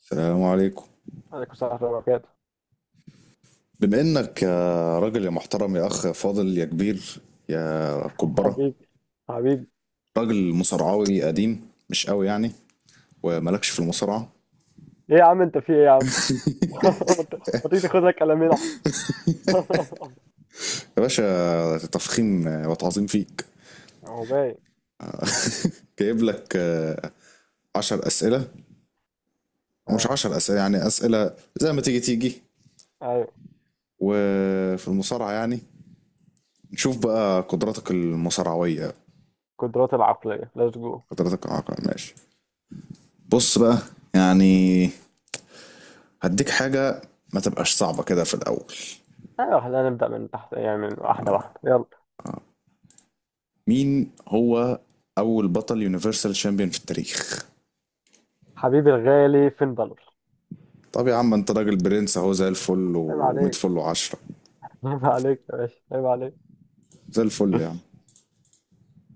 السلام عليكم. عليكم السلام ورحمة الله وبركاته. بما انك يا راجل يا محترم يا اخ يا فاضل يا كبير يا كبره، حبيبي حبيبي. راجل مصارعاوي قديم مش قوي يعني، ومالكش في المصارعه. ايه يا عم، انت في ايه يا عم؟ ما تيجي تاخد لك قلمين احسن. يا باشا تفخيم وتعظيم فيك. هو باين. جايب لك عشر اسئله، او مش اه. عشر اسئله، يعني اسئله زي ما تيجي تيجي، ايوه، وفي المصارعه يعني نشوف بقى قدراتك المصارعويه، القدرات العقلية، ليتس جو. قدراتك العقل. ماشي. بص بقى، يعني هديك حاجه ما تبقاش صعبه كده في الاول. ايوه، خلينا نبدأ من تحت، يعني من واحدة واحدة، يلا. مين هو اول بطل يونيفرسال شامبيون في التاريخ؟ حبيبي الغالي، فين بالور؟ طب يا عم انت راجل برنس اهو، زي الفل عيب و100 عليك. فل و10. عيب عليك يا باشا، عيب عليك. زي الفل يا عم.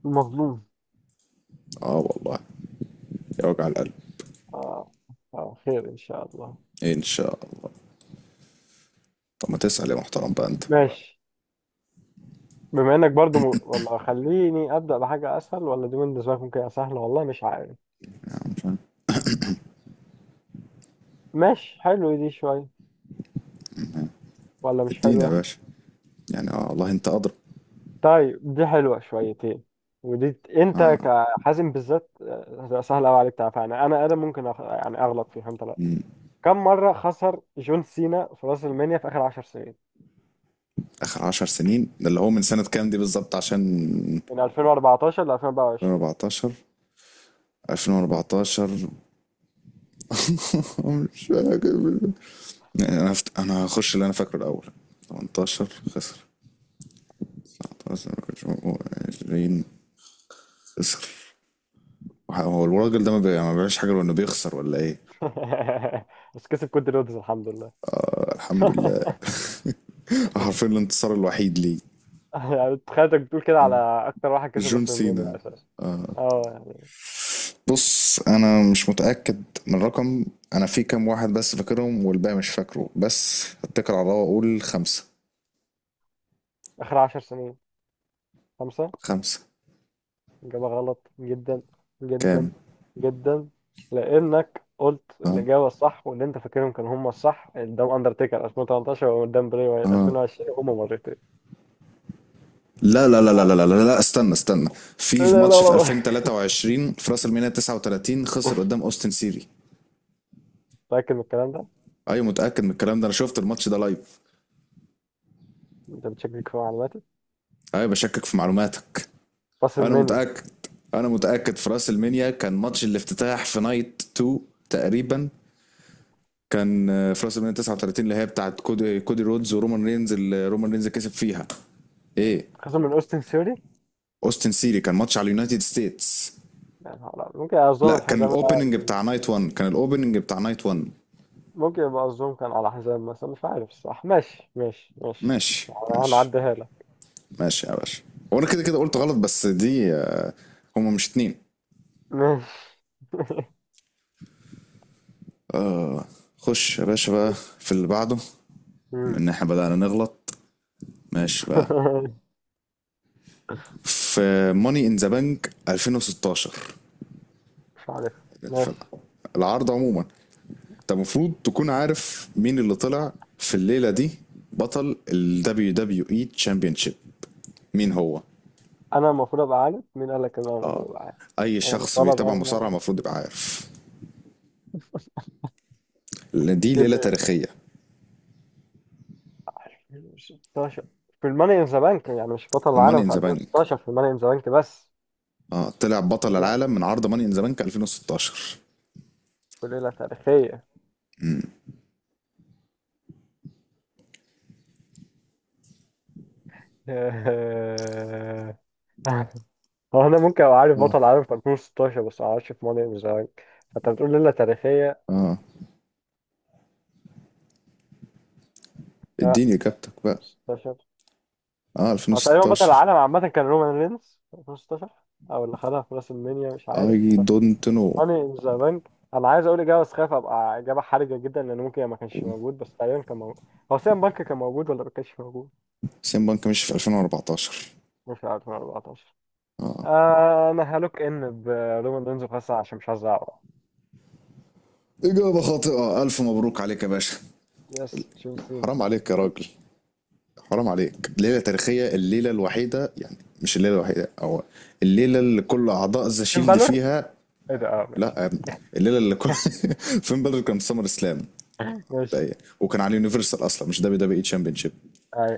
المظلوم. اه والله، يا وجع القلب. اه. اه، خير ان شاء الله. ان شاء الله. طب ما تسأل يا محترم بقى انت. ماشي. بما انك برضو ولا خليني ابدا بحاجه اسهل، ولا دي بالنسبه لك ممكن تبقى سهله، والله مش عارف. مش عارف. ماشي حلو، دي شويه ولا مش ادينا يا حلوة؟ باشا، يعني اه والله انت ادرى. طيب دي حلوة شويتين، ودي انت كحازم بالذات سهل قوي عليك تعرفها، يعني انا ادم ممكن يعني اغلط فيها، انت لا. كم مرة خسر جون سينا في راس المنيا في اخر 10 سنين؟ اخر 10 سنين ده اللي هو من سنة كام دي بالظبط؟ عشان من 2014 ل 2024. 2014، 2014. مش فاكر. انا هخش اللي انا فاكره الاول. 18 خسر، 19، 20 خسر. هو الراجل ده ما بيعملش حاجه غير انه بيخسر ولا ايه؟ بس كسب كودي رودز، الحمد لله. الحمد لله. حرفيا الانتصار الوحيد ليه. يعني تخيلتك بتقول كده على اكتر واحد كسب جون راس سينا. المنيا اساسا. اه يعني. بص انا مش متاكد من الرقم، انا في كام واحد بس فاكرهم والباقي مش فاكره، بس اتكل على الله واقول خمسه. اخر 10 سنين خمسة. خمسه. إجابة غلط جدا جدا كام؟ جدا، لأنك قلت اه، الإجابة الصح، واللي أنت فاكرهم كانوا هم الصح، قدام أندرتيكر 2018 وقدام بري وايت اه، 2020، هما مرتين. لا لا لا لا لا لا لا لا, لا، استنى استنى. في لا في ماتش لا في لا. 2023 في راس الميناء 39، خسر قدام اوستن سيري. متأكد من الكلام ده؟ ايوه متاكد من الكلام ده، انا شفت الماتش ده لايف. أنت بتشكك في معلوماتي؟ ايوه بشكك في معلوماتك. انا راسلمانيا. متاكد، انا متاكد، في راس المنيا كان ماتش الافتتاح في نايت 2 تقريبا، كان في راس المنيا 39، اللي هي بتاعت كودي, كودي رودز ورومان رينز، اللي رومان رينز كسب فيها. ايه. خسر من أوستن ثيوري؟ اوستن سيري كان ماتش على اليونايتد ستيتس. يعني ممكن أظلم لا، كان الحزام. الاوبننج بتاع نايت 1، كان الاوبننج بتاع نايت 1. ممكن يبقى الظلم كان على حزام مثلا، مش عارف الصح. ماشي ماشي ماشي، ماشي، يعني ماشي هنعديها لك. ماشي يا باشا. هو انا كده كده قلت غلط، بس دي هما مش اتنين. ماشي. خش يا باشا بقى في اللي بعده، مم. ان احنا بدأنا نغلط. ماشي بقى. في ماني ان ذا بانك 2016، مش عارف. ف- ماشي. العرض عموما، انت المفروض تكون عارف مين اللي طلع في الليله دي بطل ال WWE Championship. مين هو؟ انا المفروض ابقى عارف؟ مين قال لك ان انا المفروض اه. ابقى عارف؟ اي انا شخص مطالب بيتابع يعني ان مصارعه انا المفروض يبقى عارف، لأن دي ليله كده؟ تاريخيه. 16 في الماني ان ذا بانك، يعني مش بطل الماني العالم ان في ذا بانك. 2016 في الماني ان ذا بانك بس؟ اه، طلع بطل لا، العالم من عرض ماني ان ذا بانك 2016. في ليله تاريخيه. هو انا ممكن ابقى عارف اه. بطل العالم في 2016، بس ما اعرفش في ماني ان ذا بانك. فانت بتقول ليله تاريخيه. اه. لا. اديني اجابتك بقى. 16. اه هو تقريبا بطل 2016. العالم عامه كان رومان رينز في 2016، او اللي خدها في راس المنيا، مش عارف. اي دونت نو. هاني ان ذا بانك، انا عايز اقول اجابه بس خايف ابقى اجابه حرجه جدا، لان ممكن ما كانش موجود، بس تقريبا كان موجود. هو سام بانك كان موجود ولا ما كانش موجود؟ سين بانك مشي في 2014. مش عارف من 14. اه. انا هلوك ان برومان رينز، وخاصة عشان مش عايز اعرف. إجابة خاطئة، ألف مبروك عليك يا باشا. يس، شوف سينا. حرام عليك يا مين؟ راجل، حرام عليك. ليلة تاريخية، الليلة الوحيدة يعني، مش الليلة الوحيدة أو، الليلة اللي كل أعضاء ذا فين شيلد بالور. فيها. ايه ده. اه ماشي. لا الليلة اللي كل فين بلر كان في سمر سلام. ماشي. طيب. وكان على اليونيفرسال أصلا، مش دبليو دبليو إي تشامبيون شيب. اي.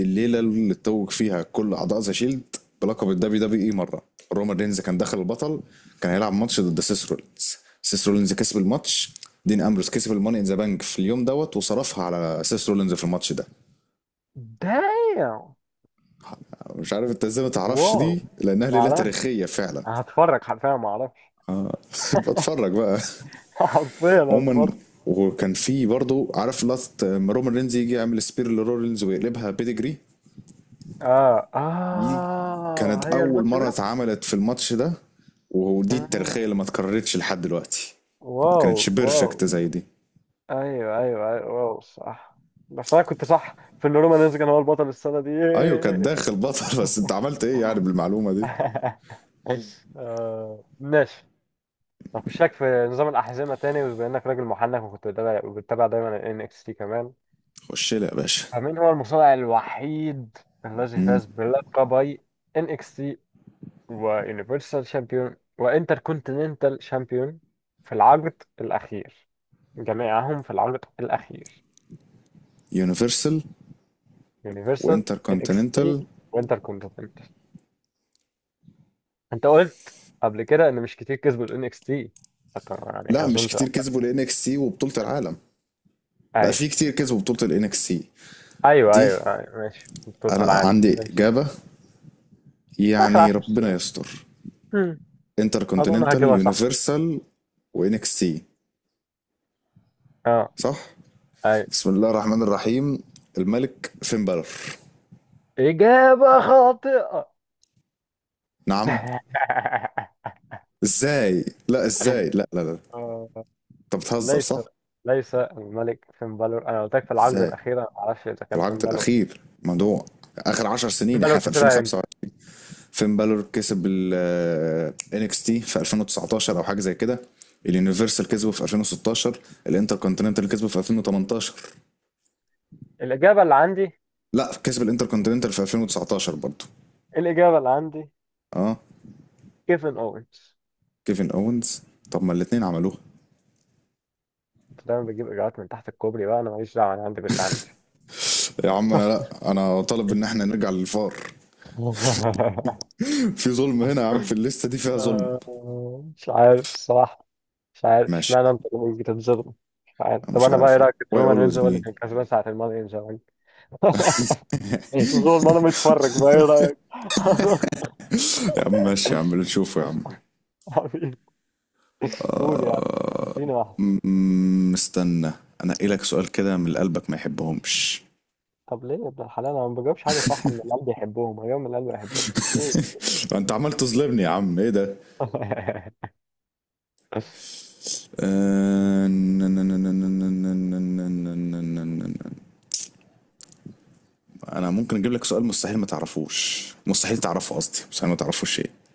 الليله اللي اتوج فيها كل اعضاء ذا شيلد بلقب الدبليو دبليو اي مره. رومان رينز كان دخل البطل، كان هيلعب ماتش ضد سيس رولينز، سيس رولينز كسب الماتش، دين امبروس كسب الماني ان ذا بانك في اليوم دوت وصرفها على سيس رولينز في الماتش ده. دايم. مش عارف انت ازاي ما تعرفش دي، واو. لانها ما ليله اعرفش. تاريخيه فعلا. هتفرج حرفيا، ما اعرفش. بتفرج بقى. حرفيا عموما، هتفرج. وكان في برضه عارف لقطه لما رومان رينز يجي يعمل سبير لرولينز ويقلبها بيدجري، اه دي اه، كانت هي أول الماتش مرة ده. اتعملت في الماتش ده، ودي التاريخية اللي آه. ما اتكررتش لحد دلوقتي. ما واو. كانتش واو، بيرفكت زي دي. ايوه ايوه ايوه، واو صح. بس انا كنت صح في ان رومان يزجن هو البطل السنه دي، أيوة كانت ياه. داخل بطل. بس أنت عملت إيه يعني بالمعلومة دي؟ آه، ماشي. هخشك في نظام الاحزمه تاني، بما انك راجل محنك وكنت بتابع وبتتابع دايما ان اكس تي كمان. خش لي يا باشا. فمين هو المصارع الوحيد الذي امم فاز بلقبي ان اكس تي ويونيفرسال شامبيون وانتر كونتيننتال شامبيون في العقد الاخير، جميعهم في العقد الاخير؟ يونيفرسال يونيفرسال، وانتر ان اكس كونتيننتال. تي، وانتر كونتيننت. انت قلت قبل كده ان مش كتير كسبوا الان اكس تي، يعني لا مش اظن كتير كسبوا تبقى-. الان اكس سي وبطولة العالم. لا، ايوه في كتير كسبوا بطولة الان اكس سي ايوه دي. ايوه ايوه، ماشي، بطولة انا العالم، عندي ماشي. اجابة، اخر يعني 10 ربنا سنين. يستر. هم، انتر اظن كونتيننتال، هجيبها صح. يونيفرسال، وان اكس سي. اه. صح. ايوه. بسم الله الرحمن الرحيم، الملك فين بالور. اجابة خاطئة. نعم؟ ازاي لا، ازاي، لا لا لا، آه، انت بتهزر ليس. صح؟ ليس الملك فين بالور، انا قلت لك في العقبة ازاي؟ الأخيرة ما اعرفش اذا في كان فين العقد بالور. الاخير موضوع، اخر 10 فين سنين، بالور احنا في كسبها امتى؟ 2005. فين بالور كسب ال NXT تي في 2019 او حاجه زي كده، اليونيفرسال كسبه في 2016، الانتر كونتيننتال كسبه في 2018. الاجابة اللي عندي. لا، كسب الانتر كونتيننتال في 2019 برضه. الاجابة اللي عندي. اه. كيفن اوينز. كيفن اونز؟ طب ما الاثنين عملوها. انت دايما بتجيب اجابات من تحت الكوبري، بقى انا ماليش دعوه، انا عندي باللي عندي. يا عم انا لا، انا طالب ان احنا نرجع للفار، في ظلم هنا يا عم، في الليسته دي فيها ظلم. آه، مش عارف الصراحه. مش عارف ماشي. اشمعنى انت اللي بتتظلم. مش عارف. أنا طب مش انا بقى، ايه عارف والله، رايك ان واي رومان رينز اولويز هو اللي مي. كان كسبان ساعه الماضي، ان شاء الله؟ ظلم، انا متفرج بقى، ايه رايك؟ يا عم ماشي، يا عم اللي نشوفه يا عم. حبيبي. قول يا عم، آه... اديني واحده. م- استنى، انا ايه لك سؤال كده من اللي قلبك ما يحبهمش. طب ليه يا ابن الحلال؟ انا ما بجاوبش حاجه صح من اللي قلبي يحبهم، هجاوب من اللي قلبي انت عمال تظلمني يا عم، ايه ده؟ يحبهم. آه، ن- ن- ن- ن- ن- ن- ن- ن- ن- ن- ن- انا ممكن اجيب لك سؤال مستحيل ما تعرفوش، مستحيل تعرفه، قصدي مستحيل ما تعرفوش، ايه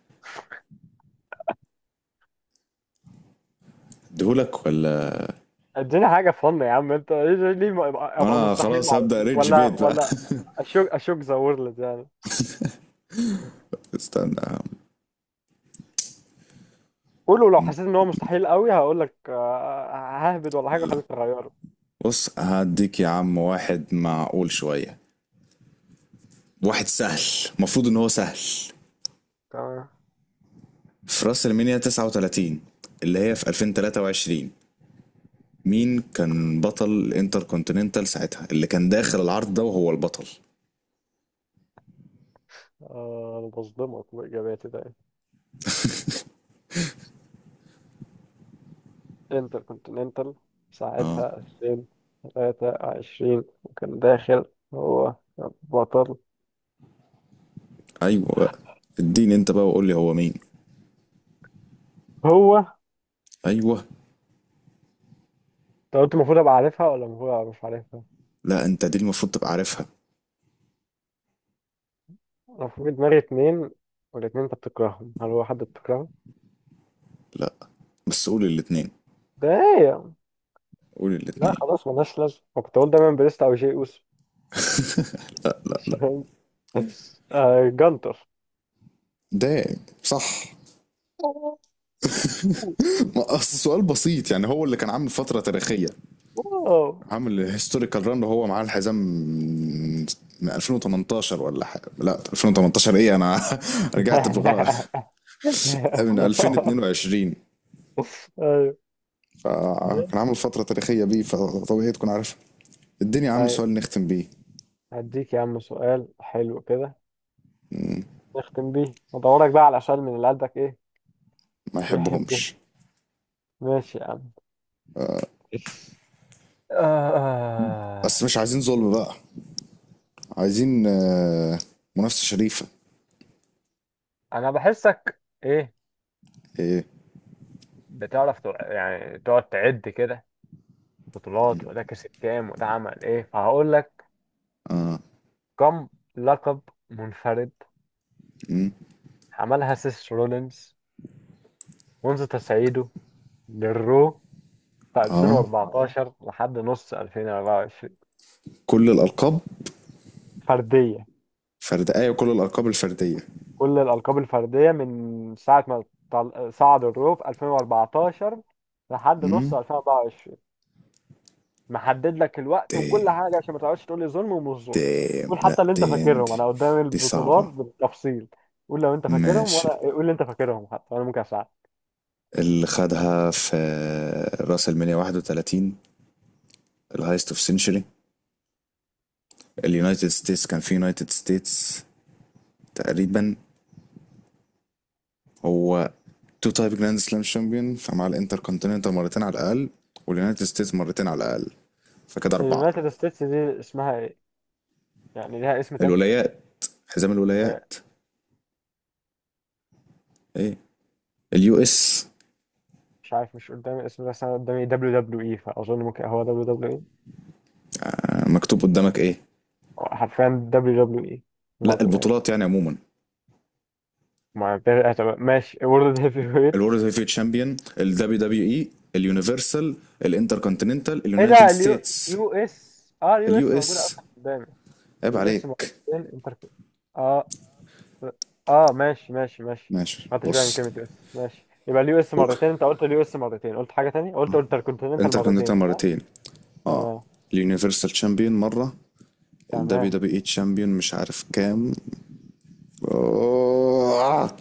اديهولك ولا؟ اديني حاجة فن يا عم، انت ليه أبقى انا مستحيل خلاص مع هبدا الأخوة؟ ريدج ولا بيت بقى. ولا اشوك ذا وورلد يعني. استنى يا عم. قولوا، لو حسيت ان هو مستحيل قوي هقول لك ههبد، ولا حاجة لا، خليك تغيره. بص هديك يا عم واحد معقول شوية، واحد سهل، المفروض ان هو سهل. تمام. في راس المنيا 39، اللي هي في 2023، مين كان بطل الانتر كونتيننتال ساعتها اللي كان داخل العرض ده وهو البطل؟ انا بصدمك باجاباتي ده. انتر كونتيننتال اه. ساعتها 2023، وكان داخل هو بطل. ايوه بقى، اديني انت بقى وقول لي هو مين. هو ايوه. انت قلت المفروض ابقى عارفها ولا المفروض ابقى مش عارفها؟ لا، انت دي المفروض تبقى عارفها. انا في دماغي اتنين، والاتنين انت بتكرههم، هل هو حد بتكرهه؟ لا، بس قول الاتنين، ده. قول لا الاتنين. خلاص، ملهاش لازمة. أنا كنت أقول دايما بريست أو جي أوسو. مش لا. فاهم. جانتر. ده صح. ما اصل سؤال بسيط، يعني هو اللي كان عامل فترة تاريخية، واو. عامل هيستوريكال ران وهو معاه الحزام من، من 2018 ولا حاجه، لا 2018 ايه انا، رجعت بالغلط، من 2022. ايوه. ده. فكان عامل فتره تاريخيه بيه، فطبيعي تكون عارف الدنيا يا عم. طيب، سؤال نختم بيه هديك يا عم سؤال حلو كده، نختم بيه. ادورك بقى على سؤال من اللي قلبك ايه؟ ما يحبه. يحبهمش. ماشي يا عم. آه. بس مش عايزين ظلم بقى، عايزين منافسه شريفه. انا بحسك ايه؟ ايه. بتعرف يعني تقعد تعد كده بطولات، وده كسب كام وده عمل ايه، فهقول لك كم لقب منفرد مم. عملها سيس رولينز منذ تصعيده للرو في اه، 2014 لحد نص 2024؟ كل الالقاب. فردية. فردائيه وكل الالقاب الفرديه. كل الألقاب الفردية من ساعة ما صعد الرو في 2014 لحد نص امم 2024. محدد لك الوقت وكل دام حاجة عشان ما تقعدش تقول لي ظلم ومش ظلم. دام قول لا حتى اللي أنت دي فاكرهم، أنا قدام دي البطولات صعبة. بالتفصيل. قول لو أنت فاكرهم ماشي. وأنا قول اللي أنت فاكرهم، حتى أنا ممكن أساعدك. اللي خدها في راس المنيا 31، الهايست اوف سنشري، اليونايتد ستيتس، كان في يونايتد ستيتس تقريبا، هو تو تايب جراند سلام شامبيون، فمع الانتر كونتيننتال مرتين على الاقل، واليونايتد ستيتس مرتين على الاقل، فكده اربعه. اليونايتد ستيتس دي اسمها إيه؟ يعني ليها اسم تاني. الولايات، حزام آه، الولايات. ايه، اليو اس. مش عارف، مش قدامي الاسم ده، بس انا قدامي دبليو دبليو اي، فاظن ممكن هو دبليو دبليو اي. مكتوب قدامك ايه؟ حرفيا دبليو دبليو اي لا مره، يعني. البطولات يعني عموما. ما ده- طب ماشي. وورلد هيفي ويت. الورد هيفي تشامبيون، الدبليو دبليو اي، اليونيفرسال، الانتر كونتيننتال، ايه اليونايتد ده؟ اليو ستيتس، يو اس. اه اليو اليو اس اس. موجوده اصلا قدامي. عيب يو اس عليك. موجودين، انتر. اه. اه ماشي ماشي ماشي. ماشي ما خدتش بالي من بص. كلمه يو اس، ماشي. يبقى اليو اس و- مرتين، انت قلت اليو اس مرتين، قلت حاجه تانية، قلت انتر كونتيننتال انتر كونتيننتال مرتين، صح؟ مرتين، اه. تمام. اليونيفرسال تشامبيون مرة. الدبليو تمام. دبليو اي تشامبيون مش عارف كام. آه.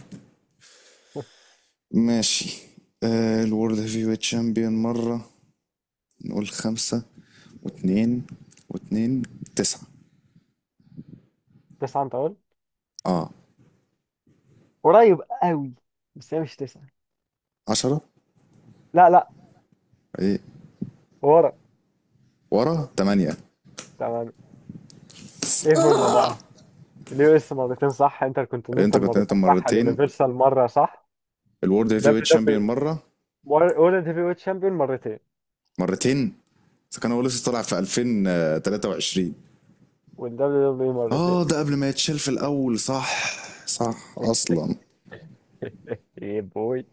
ماشي. آه الورد هيفي ويت تشامبيون مرة. نقول خمسة واتنين واتنين، تسعة. تسعه انت قلت. اه. قريب قوي، بس هي مش تسعة. عشرة؟ لا لا. ايه؟ ورا. ورا، تمانية. تمام. ايه هما بقى؟ اليو اس مرتين صح، انتركونتيننتال مرتين الانتركونتيننتال صح، مرتين. اليونيفرسال مرة صح. الورد هيفي ويت دبليو تشامبيون دبليو. مرة، وورلد هيفي ويت شامبيون مرتين. مرتين. فكان هو لسه طالع في 2023. والدبليو دبليو مرتين. اه، ده قبل ما يتشال في الاول، صح، صح اصلا. ايه بوي.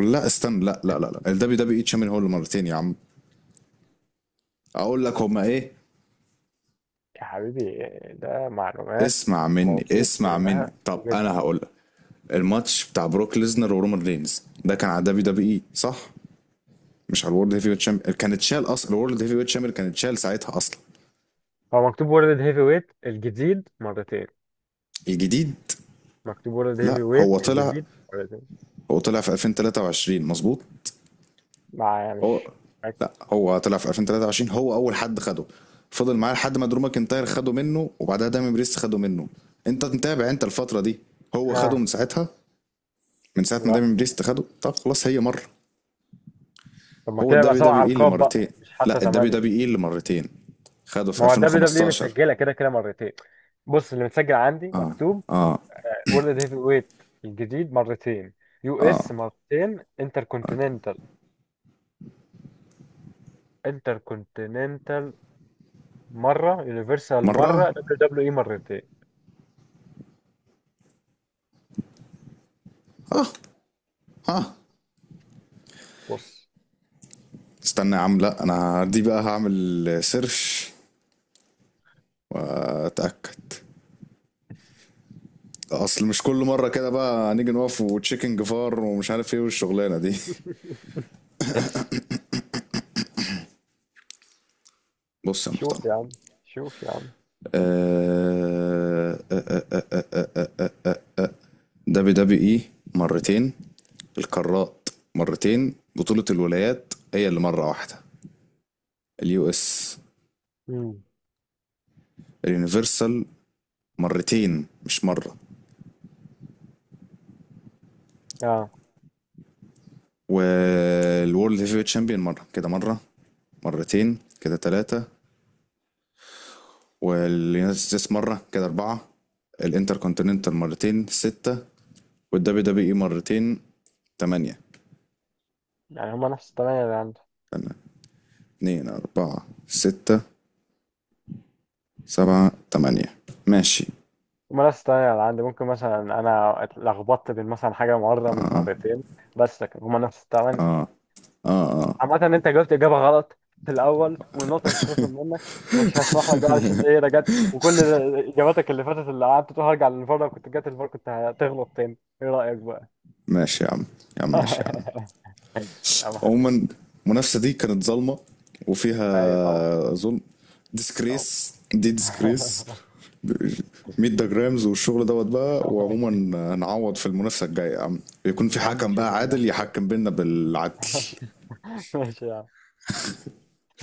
لا استنى، لا لا لا لا، الدبليو دبليو اي تشامبيون هو اللي مرتين يا عم، اقول لك هما ايه. يا حبيبي، ده معلومات اسمع مني، موثوق اسمع مني، منها طب انا جدا. هقول لك. الماتش بتاع بروك ليزنر ورومان رينز ده كان على دبليو دبليو اي صح، مش على الورد هيفي ويت شامبيون، كان اتشال اصلا الورد هيفي ويت شامبيون، كان اتشال ساعتها اصلا. هو مكتوب وورلد هيفي ويت الجديد مرتين. الجديد. مكتوب وورلد لا هيفي هو ويت طلع، الجديد مرتين. هو طلع في 2023 مظبوط. ما هو، مش فاكر. لا هو طلع في 2023، هو اول حد خده، فضل معاه لحد ما درو ماكنتاير خده منه، وبعدها دايمين بريست خده منه. انت متابع انت الفتره دي، هو خده آه. من ساعتها، من ساعه ما لا. دايمين بريست خده. طب خلاص هي مره. طب ما هو كده يبقى الدبليو سبع دبليو اي اللي ألقاب مرتين، بقى، مش حتى لا الدبليو ثمانية. دبليو اي اللي مرتين، خده في ما هو دبليو دبليو اي 2015. متسجلة كده كده مرتين. بص، اللي متسجل عندي مكتوب اه، وورلد هيفي ويت الجديد مرتين، يو اس اه، مرتين، انتر كونتيننتال. انتر كونتيننتال مرة، يونيفرسال مره، مرة، دبليو دبليو اي مرتين. اه، اه. بص. استنى يا عم لا، انا دي بقى هعمل سيرش، اتاكد، اصل مش كل مره كده بقى هنيجي نقف وتشيكن جفار ومش عارف ايه والشغلانه دي. بص يا محترم. شوف يا عم. شوف يا عم. آه، آه، آه، آه، دبي دبي اي مرتين، القارات مرتين، بطولة الولايات هي اللي مرة واحدة، اليو اس، مم. اليونيفرسال مرتين مش مرة، اه. والورلد هيفي ويت شامبيون مرة، كده مرة، مرتين كده تلاتة، واليونايتد ستيتس مرة كده أربعة، الانتر كونتيننتال مرتين ستة، والدبليو دبليو اي مرتين تمانية. يعني هما نفس الثمانية اللي عندي. استنى، اتنين أربعة ستة سبعة تمانية. ماشي. هما نفس الثمانية اللي عندي، ممكن مثلا أنا اتلخبطت بين مثلا حاجة مرة من اه مرتين، بس لكن هما نفس الثمانية. اه، اه اه. عامة انت جاوبت اجابة غلط في الاول، والنقطة هتتخصم منك، ومش هسمح لك بقى، عشان انت ايه، رجعت وكل اجاباتك اللي فاتت اللي قعدت تقول هرجع للفار، لو كنت جات الفار كنت هتغلط تاني، ايه رأيك بقى؟ ماشي يا عم، يا عم ماشي يا عم. يا عم حبيبي. عموما، المنافسة دي كانت ظالمة ايوه طبعا. وفيها ظلم، طبعا. ديسكريس دي ديسكريس، 100 جرامز والشغل دوت بقى. وعموما، هنعوض في المنافسة الجاية يا عم، يكون في يا عم حكم نشوف بقى عادل المنافسة الجاية. يحكم بينا بالعدل. ماشي يا عم.